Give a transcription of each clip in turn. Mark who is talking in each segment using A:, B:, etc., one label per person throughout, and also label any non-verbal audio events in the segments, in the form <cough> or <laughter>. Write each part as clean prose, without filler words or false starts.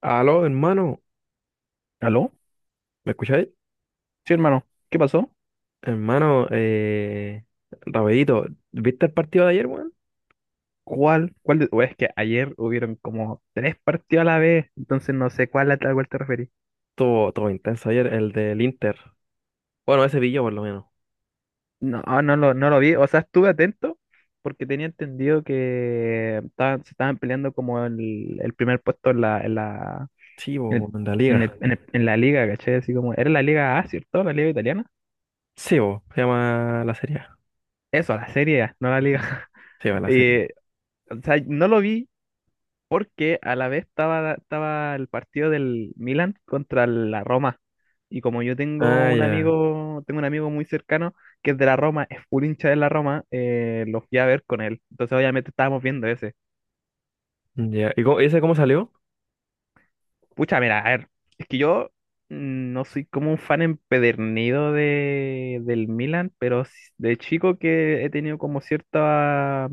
A: Aló, hermano,
B: ¿Aló?
A: ¿me escucháis?
B: Sí, hermano. ¿Qué pasó?
A: Hermano, rapidito, ¿viste el partido de ayer, weón?
B: ¿Cuál? ¿Cuál de... o es que ayer hubieron como tres partidos a la vez, entonces no sé cuál a tal cual te referís.
A: Todo, todo intenso ayer, el del Inter. Bueno, ese vi yo por lo menos.
B: No, no lo vi. O sea, estuve atento porque tenía entendido que se estaban peleando como el primer puesto en
A: Sí,
B: en el-
A: bo, en la liga.
B: en la liga, ¿cachai? Así como, era la Liga A, ¿cierto? La Liga italiana.
A: Sí, bo, se llama la serie. A.
B: Eso, la Serie A, no la
A: La
B: Liga.
A: serie. A.
B: <laughs>
A: Sí, va la serie.
B: Eh, o sea, no lo vi porque a la vez estaba el partido del Milan contra la Roma. Y como yo
A: Ah, ya.
B: tengo un amigo muy cercano que es de la Roma, es full hincha de la Roma, lo fui a ver con él. Entonces obviamente estábamos viendo ese.
A: Ya. ¿Y ese cómo salió?
B: Pucha, mira, a ver, es que yo no soy como un fan empedernido del Milan, pero de chico que he tenido como cierta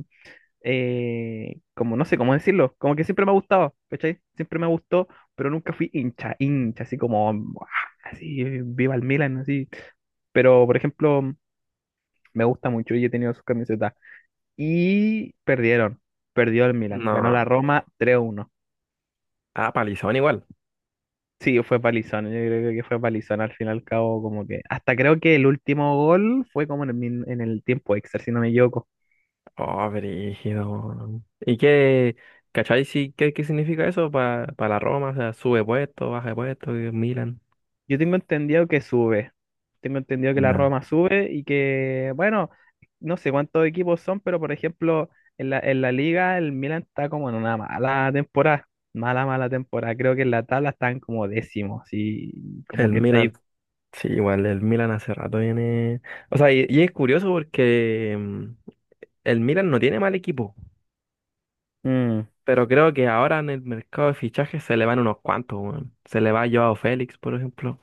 B: como no sé cómo decirlo, como que siempre me ha gustado, ¿cachai? Siempre me gustó, pero nunca fui hincha, hincha, así como, "Buah", así, viva el Milan, así. Pero, por ejemplo, me gusta mucho y he tenido sus camisetas. Y perdieron, perdió el Milan, ganó la
A: No.
B: Roma 3-1.
A: Ah, palizón igual.
B: Sí, fue palizón, yo creo que fue palizón al fin y al cabo, como que, hasta creo que el último gol fue como en en el tiempo extra, si no me equivoco.
A: Oh, brígido, weón. ¿Y qué, cachai, sí, qué significa eso para la Roma? O sea, sube puesto, baja de puesto, y el Milan.
B: Yo tengo entendido que sube. Tengo entendido que la
A: Ya.
B: Roma sube y que, bueno, no sé cuántos equipos son, pero por ejemplo, en la liga el Milan está como en una mala temporada. Mala, mala temporada. Creo que en la tabla están como décimos y como
A: El
B: que está ahí.
A: Milan. Sí, igual el Milan hace rato viene. O sea, y es curioso porque el Milan no tiene mal equipo,
B: Mm,
A: pero creo que ahora en el mercado de fichajes se le van unos cuantos, weón. Se le va Joao Félix, por ejemplo.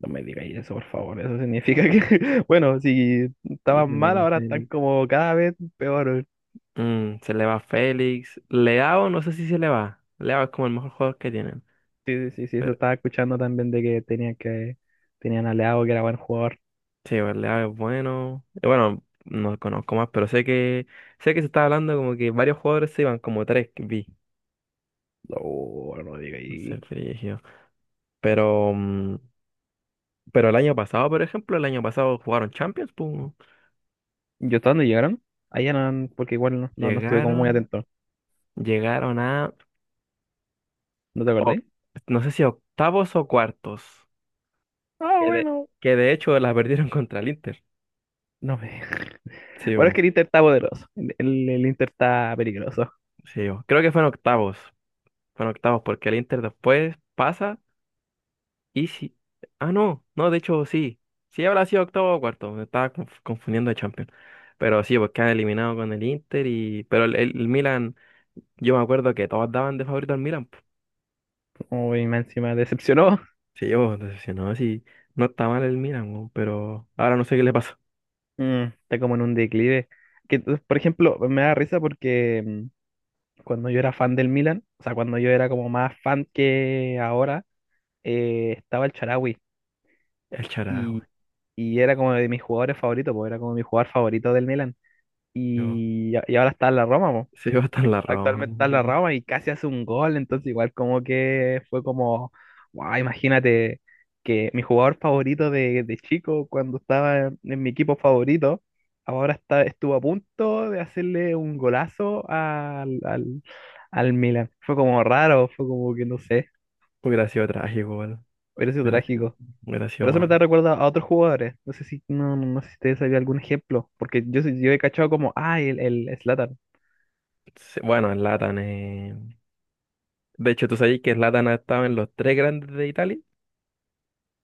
B: no me digáis eso, por favor. Eso significa que, <laughs> bueno, si
A: Sí.
B: estaban
A: Se le
B: mal,
A: va
B: ahora están
A: Félix.
B: como cada vez peor.
A: Se le va Félix. Leao, no sé si se le va. Leao es como el mejor jugador que tienen.
B: Sí, sí, sí, sí, eso
A: Pero
B: estaba escuchando también de que, tenían a Leao, que era buen jugador.
A: sí, bueno, Leao es bueno. Y bueno, no conozco más, pero sé que se está hablando como que varios jugadores se iban, como tres que vi.
B: No, no
A: Entonces,
B: digáis.
A: brígido. Pero mm, Pero el año pasado, por ejemplo, el año pasado jugaron Champions, pum,
B: ¿Yo hasta dónde llegaron? Allá no, porque igual no, no, no estuve como muy
A: llegaron,
B: atento.
A: llegaron a,
B: ¿No te
A: o-
B: acordáis?
A: no sé si octavos o cuartos,
B: Ah,
A: que de,
B: bueno.
A: que de hecho la perdieron <laughs> contra el Inter.
B: No me... <laughs>
A: Sí,
B: Bueno, es que
A: bo,
B: el Inter está poderoso. El Inter está peligroso.
A: sí, bo. Creo que fueron octavos, porque el Inter después pasa y sí. Ah, no, no, de hecho sí, sí habrá sido octavo o cuarto, me estaba confundiendo de Champions. Pero sí, porque han eliminado con el Inter y, pero el Milan, yo me acuerdo que todos daban de favorito al Milan.
B: Uy, más encima decepcionó.
A: Sí, yo decepcionado, sí. No está mal el Milan, weón, pero ahora no sé qué le pasó.
B: Está como en un declive. Que, entonces, por ejemplo, me da risa porque cuando yo era fan del Milan, o sea, cuando yo era como más fan que ahora, estaba el Charawi
A: El charajo,
B: y, y era como de mis jugadores favoritos, porque era como mi jugador favorito del Milan.
A: yo.
B: Y ahora está en la Roma, po.
A: Se iba hasta en la Roma.
B: Actualmente está en la Roma y casi hace un gol, entonces igual como que fue como, wow, imagínate que mi jugador favorito de chico, cuando estaba en mi equipo favorito, ahora está, estuvo a punto de hacerle un golazo al Milan. Fue como raro, fue como que no sé,
A: Hubiera sido trágico, weón.
B: hubiera sido
A: Hubiera sido,
B: trágico.
A: hubiera sido
B: Pero eso me
A: más.
B: da recuerda a otros jugadores. No sé si, no sé si ustedes sabían algún ejemplo, porque yo he cachado como, ah, el Zlatan.
A: Sí, bueno, Zlatan. De hecho, tú sabes que Zlatan ha estado en los tres grandes de Italia.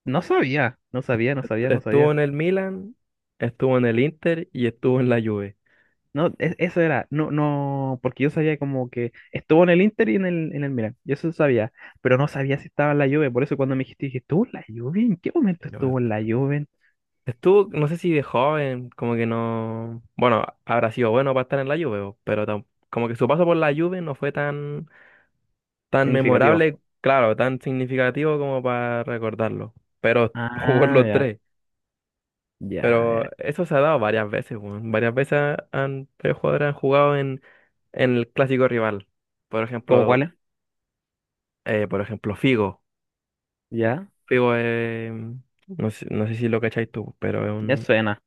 B: No sabía, no sabía, no sabía, no
A: Estuvo
B: sabía.
A: en el Milan, estuvo en el Inter y estuvo en la Juve.
B: No, no, no, porque yo sabía como que estuvo en el Inter y en en el Milan, yo eso sabía, pero no sabía si estaba en la Juve, por eso cuando me dijiste, dije, ¿estuvo en la Juve? ¿En qué momento
A: Yo-
B: estuvo en la Juve?
A: Estuvo, no sé si de joven, como que no. Bueno, habrá sido bueno para estar en la Juve, weón, pero como que su paso por la Juve no fue tan
B: Significativo.
A: memorable, claro, tan significativo como para recordarlo. Pero <laughs> jugó en
B: Ah,
A: los
B: ya,
A: tres.
B: ya, ya.
A: Pero eso se ha dado varias veces, weón. Varias veces tres jugadores han jugado en el clásico rival. Por
B: ¿Cómo
A: ejemplo,
B: cuál es?
A: por ejemplo, Figo.
B: Ya,
A: Figo es, no sé si lo cacháis tú, pero es
B: ya
A: un,
B: suena,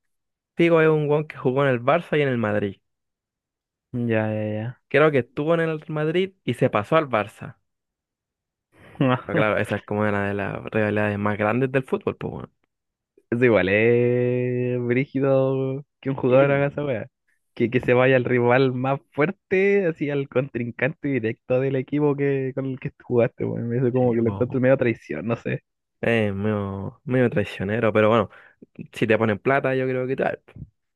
A: Figo es un weón que jugó en el Barça y en el Madrid.
B: ya, ya,
A: Creo que estuvo en el Madrid y se pasó al Barça.
B: ya.
A: Pero
B: <laughs>
A: claro, esa es como una de las rivalidades más grandes del fútbol, pues, weón.
B: Eso igual es brígido que un
A: Y,
B: jugador haga esa weá. Que se vaya al rival más fuerte, así al contrincante directo del equipo que, con el que jugaste, weón. Eso como
A: sí,
B: que lo
A: weón.
B: encuentro medio traición, no sé.
A: Es medio, medio traicionero, pero bueno, si te ponen plata, yo creo que tal.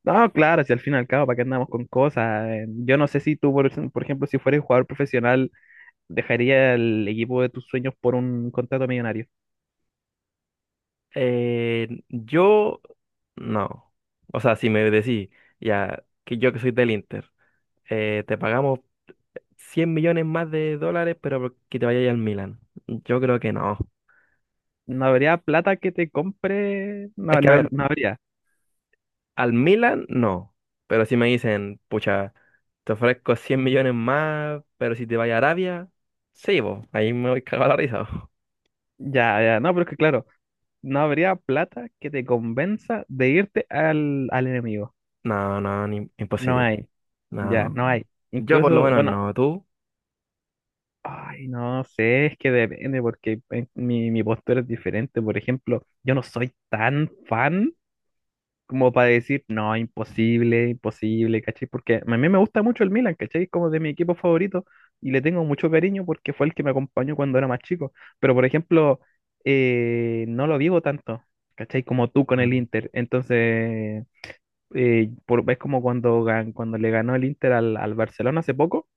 B: No, claro, si al fin y al cabo, ¿para qué andamos con cosas? Yo no sé si tú, por ejemplo, si fueras jugador profesional, dejaría el equipo de tus sueños por un contrato millonario.
A: Yo, no. O sea, si me decís, ya, que yo que soy del Inter, te pagamos 100 millones más de dólares, pero que te vayas al Milan. Yo creo que no.
B: No habría plata que te compre,
A: Es
B: no,
A: que, a ver,
B: no habría.
A: al Milan, no. Pero si me dicen, pucha, te ofrezco 100 millones más, pero si te vayas a Arabia, sí, vos, ahí me voy <laughs> cagado la risa, bo.
B: Ya, ya, no, pero es que claro. No habría plata que te convenza de irte al enemigo.
A: No, no,
B: No
A: imposible.
B: hay, ya,
A: No,
B: no hay.
A: yo por lo
B: Incluso,
A: menos
B: bueno,
A: no, tú.
B: ay, no sé, es que depende porque mi postura es diferente. Por ejemplo, yo no soy tan fan como para decir, no, imposible, imposible, ¿cachai? Porque a mí me gusta mucho el Milan, ¿cachai? Es como de mi equipo favorito y le tengo mucho cariño porque fue el que me acompañó cuando era más chico. Pero, por ejemplo, no lo vivo tanto. ¿Cachai? Como tú con el
A: Claro.
B: Inter. Entonces, es como cuando, cuando le ganó el Inter al Barcelona hace poco.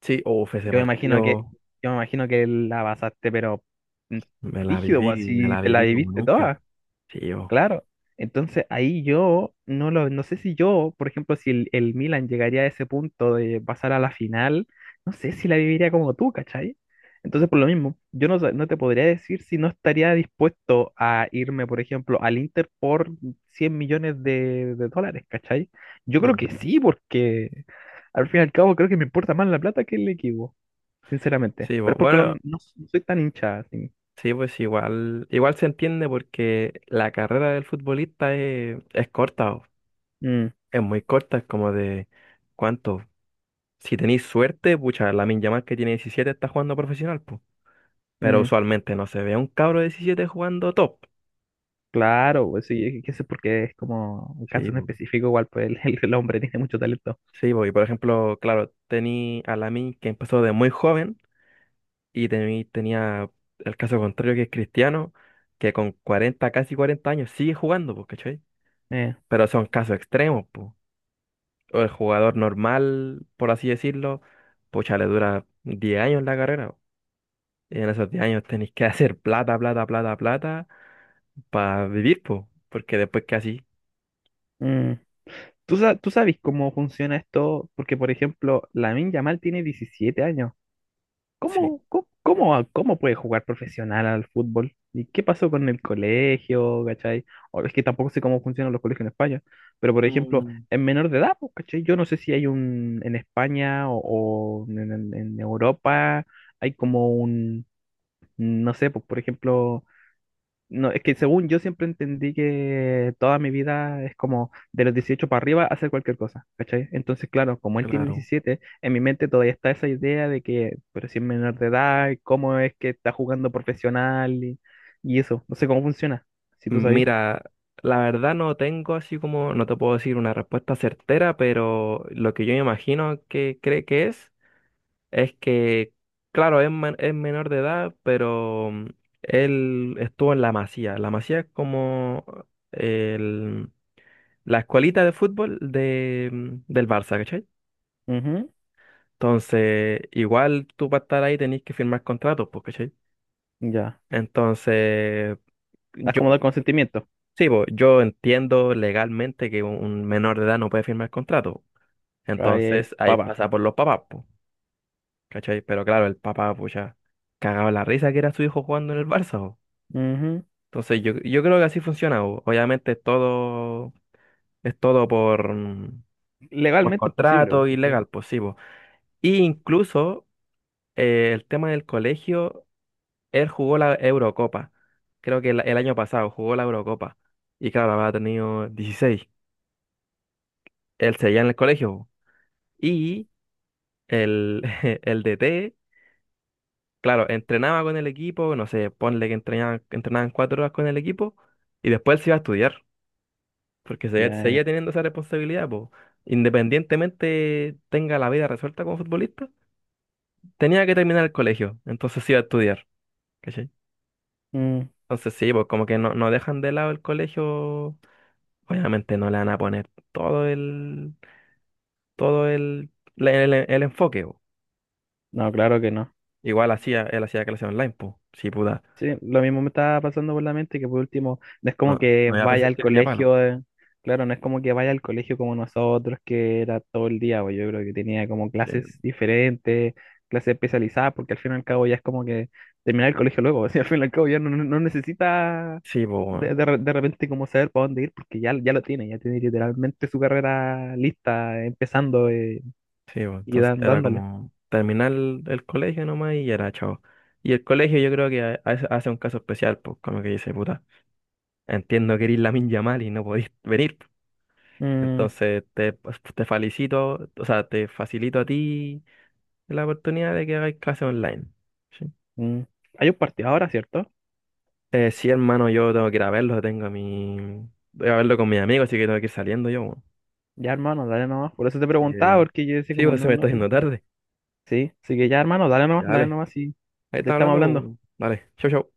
A: Sí, uf ese
B: Yo me imagino que,
A: partido
B: yo me imagino que la pasaste, pero mm, rígido, pues
A: me
B: así
A: la
B: te la
A: viví como
B: viviste
A: nunca.
B: toda.
A: Sí, yo.
B: Claro, entonces ahí yo no lo, no sé si yo, por ejemplo, si el Milan llegaría a ese punto de pasar a la final, no sé si la viviría como tú, ¿cachai? Entonces, por lo mismo, yo no te podría decir si no estaría dispuesto a irme, por ejemplo, al Inter por 100 millones de dólares, ¿cachai? Yo creo que
A: Mm.
B: sí, porque al fin y al cabo creo que me importa más la plata que el equipo, sinceramente.
A: Sí,
B: Pero es porque no,
A: bueno,
B: no soy tan hincha, así.
A: sí, pues igual se entiende porque la carrera del futbolista es corta, o
B: Mm,
A: es muy corta, es como de, ¿cuánto? Si tenéis suerte, pucha, Lamine Yamal que tiene 17 está jugando profesional, pues. Pero
B: mm.
A: usualmente no se ve a un cabro de 17 jugando top.
B: Claro, pues sí, qué sé por qué es como un
A: Sí,
B: caso en
A: bo.
B: específico, igual pues el hombre tiene mucho talento.
A: Sí, bo. Y por ejemplo, claro, tení a Lamine que empezó de muy joven. Y tenía el caso contrario que es Cristiano, que con 40 casi 40 años sigue jugando, pues, ¿cachai?
B: Eh,
A: Pero son casos extremos, pues. O el jugador normal, por así decirlo, pucha, le dura 10 años la carrera, po. Y en esos 10 años tenéis que <laughs> hacer plata, plata, plata, plata para vivir, pues. Porque después que así,
B: mm. ¿Tú, tú sabes cómo funciona esto? Porque, por ejemplo, Lamine Yamal tiene 17 años.
A: sí.
B: ¿Cómo puede jugar profesional al fútbol? ¿Y qué pasó con el colegio, cachai? O es que tampoco sé cómo funcionan los colegios en España, pero, por ejemplo,
A: Mm,
B: en menor de edad, pues, cachai, yo no sé si hay un en España o en en Europa hay como un, no sé, pues, por ejemplo. No, es que según yo siempre entendí que toda mi vida es como de los 18 para arriba hacer cualquier cosa, ¿cachai? Entonces, claro, como él tiene
A: claro.
B: 17 en mi mente todavía está esa idea de que, pero si es menor de edad, ¿cómo es que está jugando profesional y eso? No sé cómo funciona, si tú sabes.
A: Mira, la verdad no tengo así como, no te puedo decir una respuesta certera, pero lo que yo me imagino que cree que es. Es que, claro, es menor de edad, pero él estuvo en La Masía. La Masía es como el- la escuelita de fútbol del Barça, ¿cachai?
B: Ujú.
A: Entonces, igual tú para estar ahí tenés que firmar contratos, pues, ¿cachai?
B: Ya.
A: Entonces,
B: Estás
A: yo,
B: como del consentimiento.
A: sí, pues, yo entiendo legalmente que un menor de edad no puede firmar contrato.
B: Trae el
A: Entonces, ahí
B: papá.
A: pasa por los papás, pues, ¿cachai? Pero claro, el papá, pues ya cagaba la risa que era su hijo jugando en el Barça, po.
B: Ujú.
A: Entonces yo creo que así funciona. Obviamente es todo por, por
B: Legalmente es posible,
A: contrato y
B: ¿cachai?
A: legal, pues sí, po. Y incluso el tema del colegio, él jugó la Eurocopa. Creo que el año pasado jugó la Eurocopa. Y claro, había tenido 16. Él seguía en el colegio, po. Y el, <laughs> el DT, claro, entrenaba con el equipo, no sé, ponle que entrenaban 4 horas con el equipo y después él se iba a estudiar. Porque
B: Ya.
A: seguía teniendo esa responsabilidad, pues. Independientemente tenga la vida resuelta como futbolista, tenía que terminar el colegio, entonces iba a estudiar, ¿cachai?
B: Mm.
A: Entonces sí, pues como que no dejan de lado el colegio, obviamente no le van a poner todo el, todo el, el enfoque, po.
B: No, claro que no.
A: Igual él hacía clases online, pues, sí, puta,
B: Sí, lo mismo me estaba pasando por la mente que por último, no es
A: no,
B: como que
A: no iba a
B: vaya al
A: presencial ni a palo.
B: colegio, claro, no es como que vaya al colegio como nosotros, que era todo el día, pues yo creo que tenía como
A: Sí,
B: clases diferentes, clases especializadas, porque al fin y al cabo ya es como que terminar el colegio luego, <laughs> o sea, al fin y al cabo ya no, no, no necesita
A: sí, pues,
B: de repente como saber para dónde ir, porque ya, ya lo tiene, ya tiene literalmente su carrera lista, empezando
A: sí, pues,
B: y
A: entonces
B: dan,
A: era
B: dándole.
A: como terminar el colegio nomás y era chao. Y el colegio yo creo que hace un caso especial, pues como que dice, puta, entiendo que eres Lamin Yamal y no podís venir, pues.
B: Mm,
A: Entonces te, pues, te felicito, o sea, te facilito a ti la oportunidad de que hagáis clases online. ¿Sí?
B: mm. Hay un partido ahora, ¿cierto?
A: Sí, hermano, yo tengo que ir a verlo, tengo a mi... Voy a verlo con mis amigos, así que tengo que ir saliendo yo, weón.
B: Ya, hermano, dale nomás. Por eso te
A: Así que
B: preguntaba, porque yo decía
A: sí,
B: como,
A: pues se
B: no,
A: me está
B: no, no.
A: haciendo tarde.
B: Sí, así que ya, hermano,
A: Ya,
B: dale
A: dale,
B: nomás y
A: ahí
B: te
A: está
B: estamos
A: hablando,
B: hablando. Chao.
A: pues, dale, chau, chau.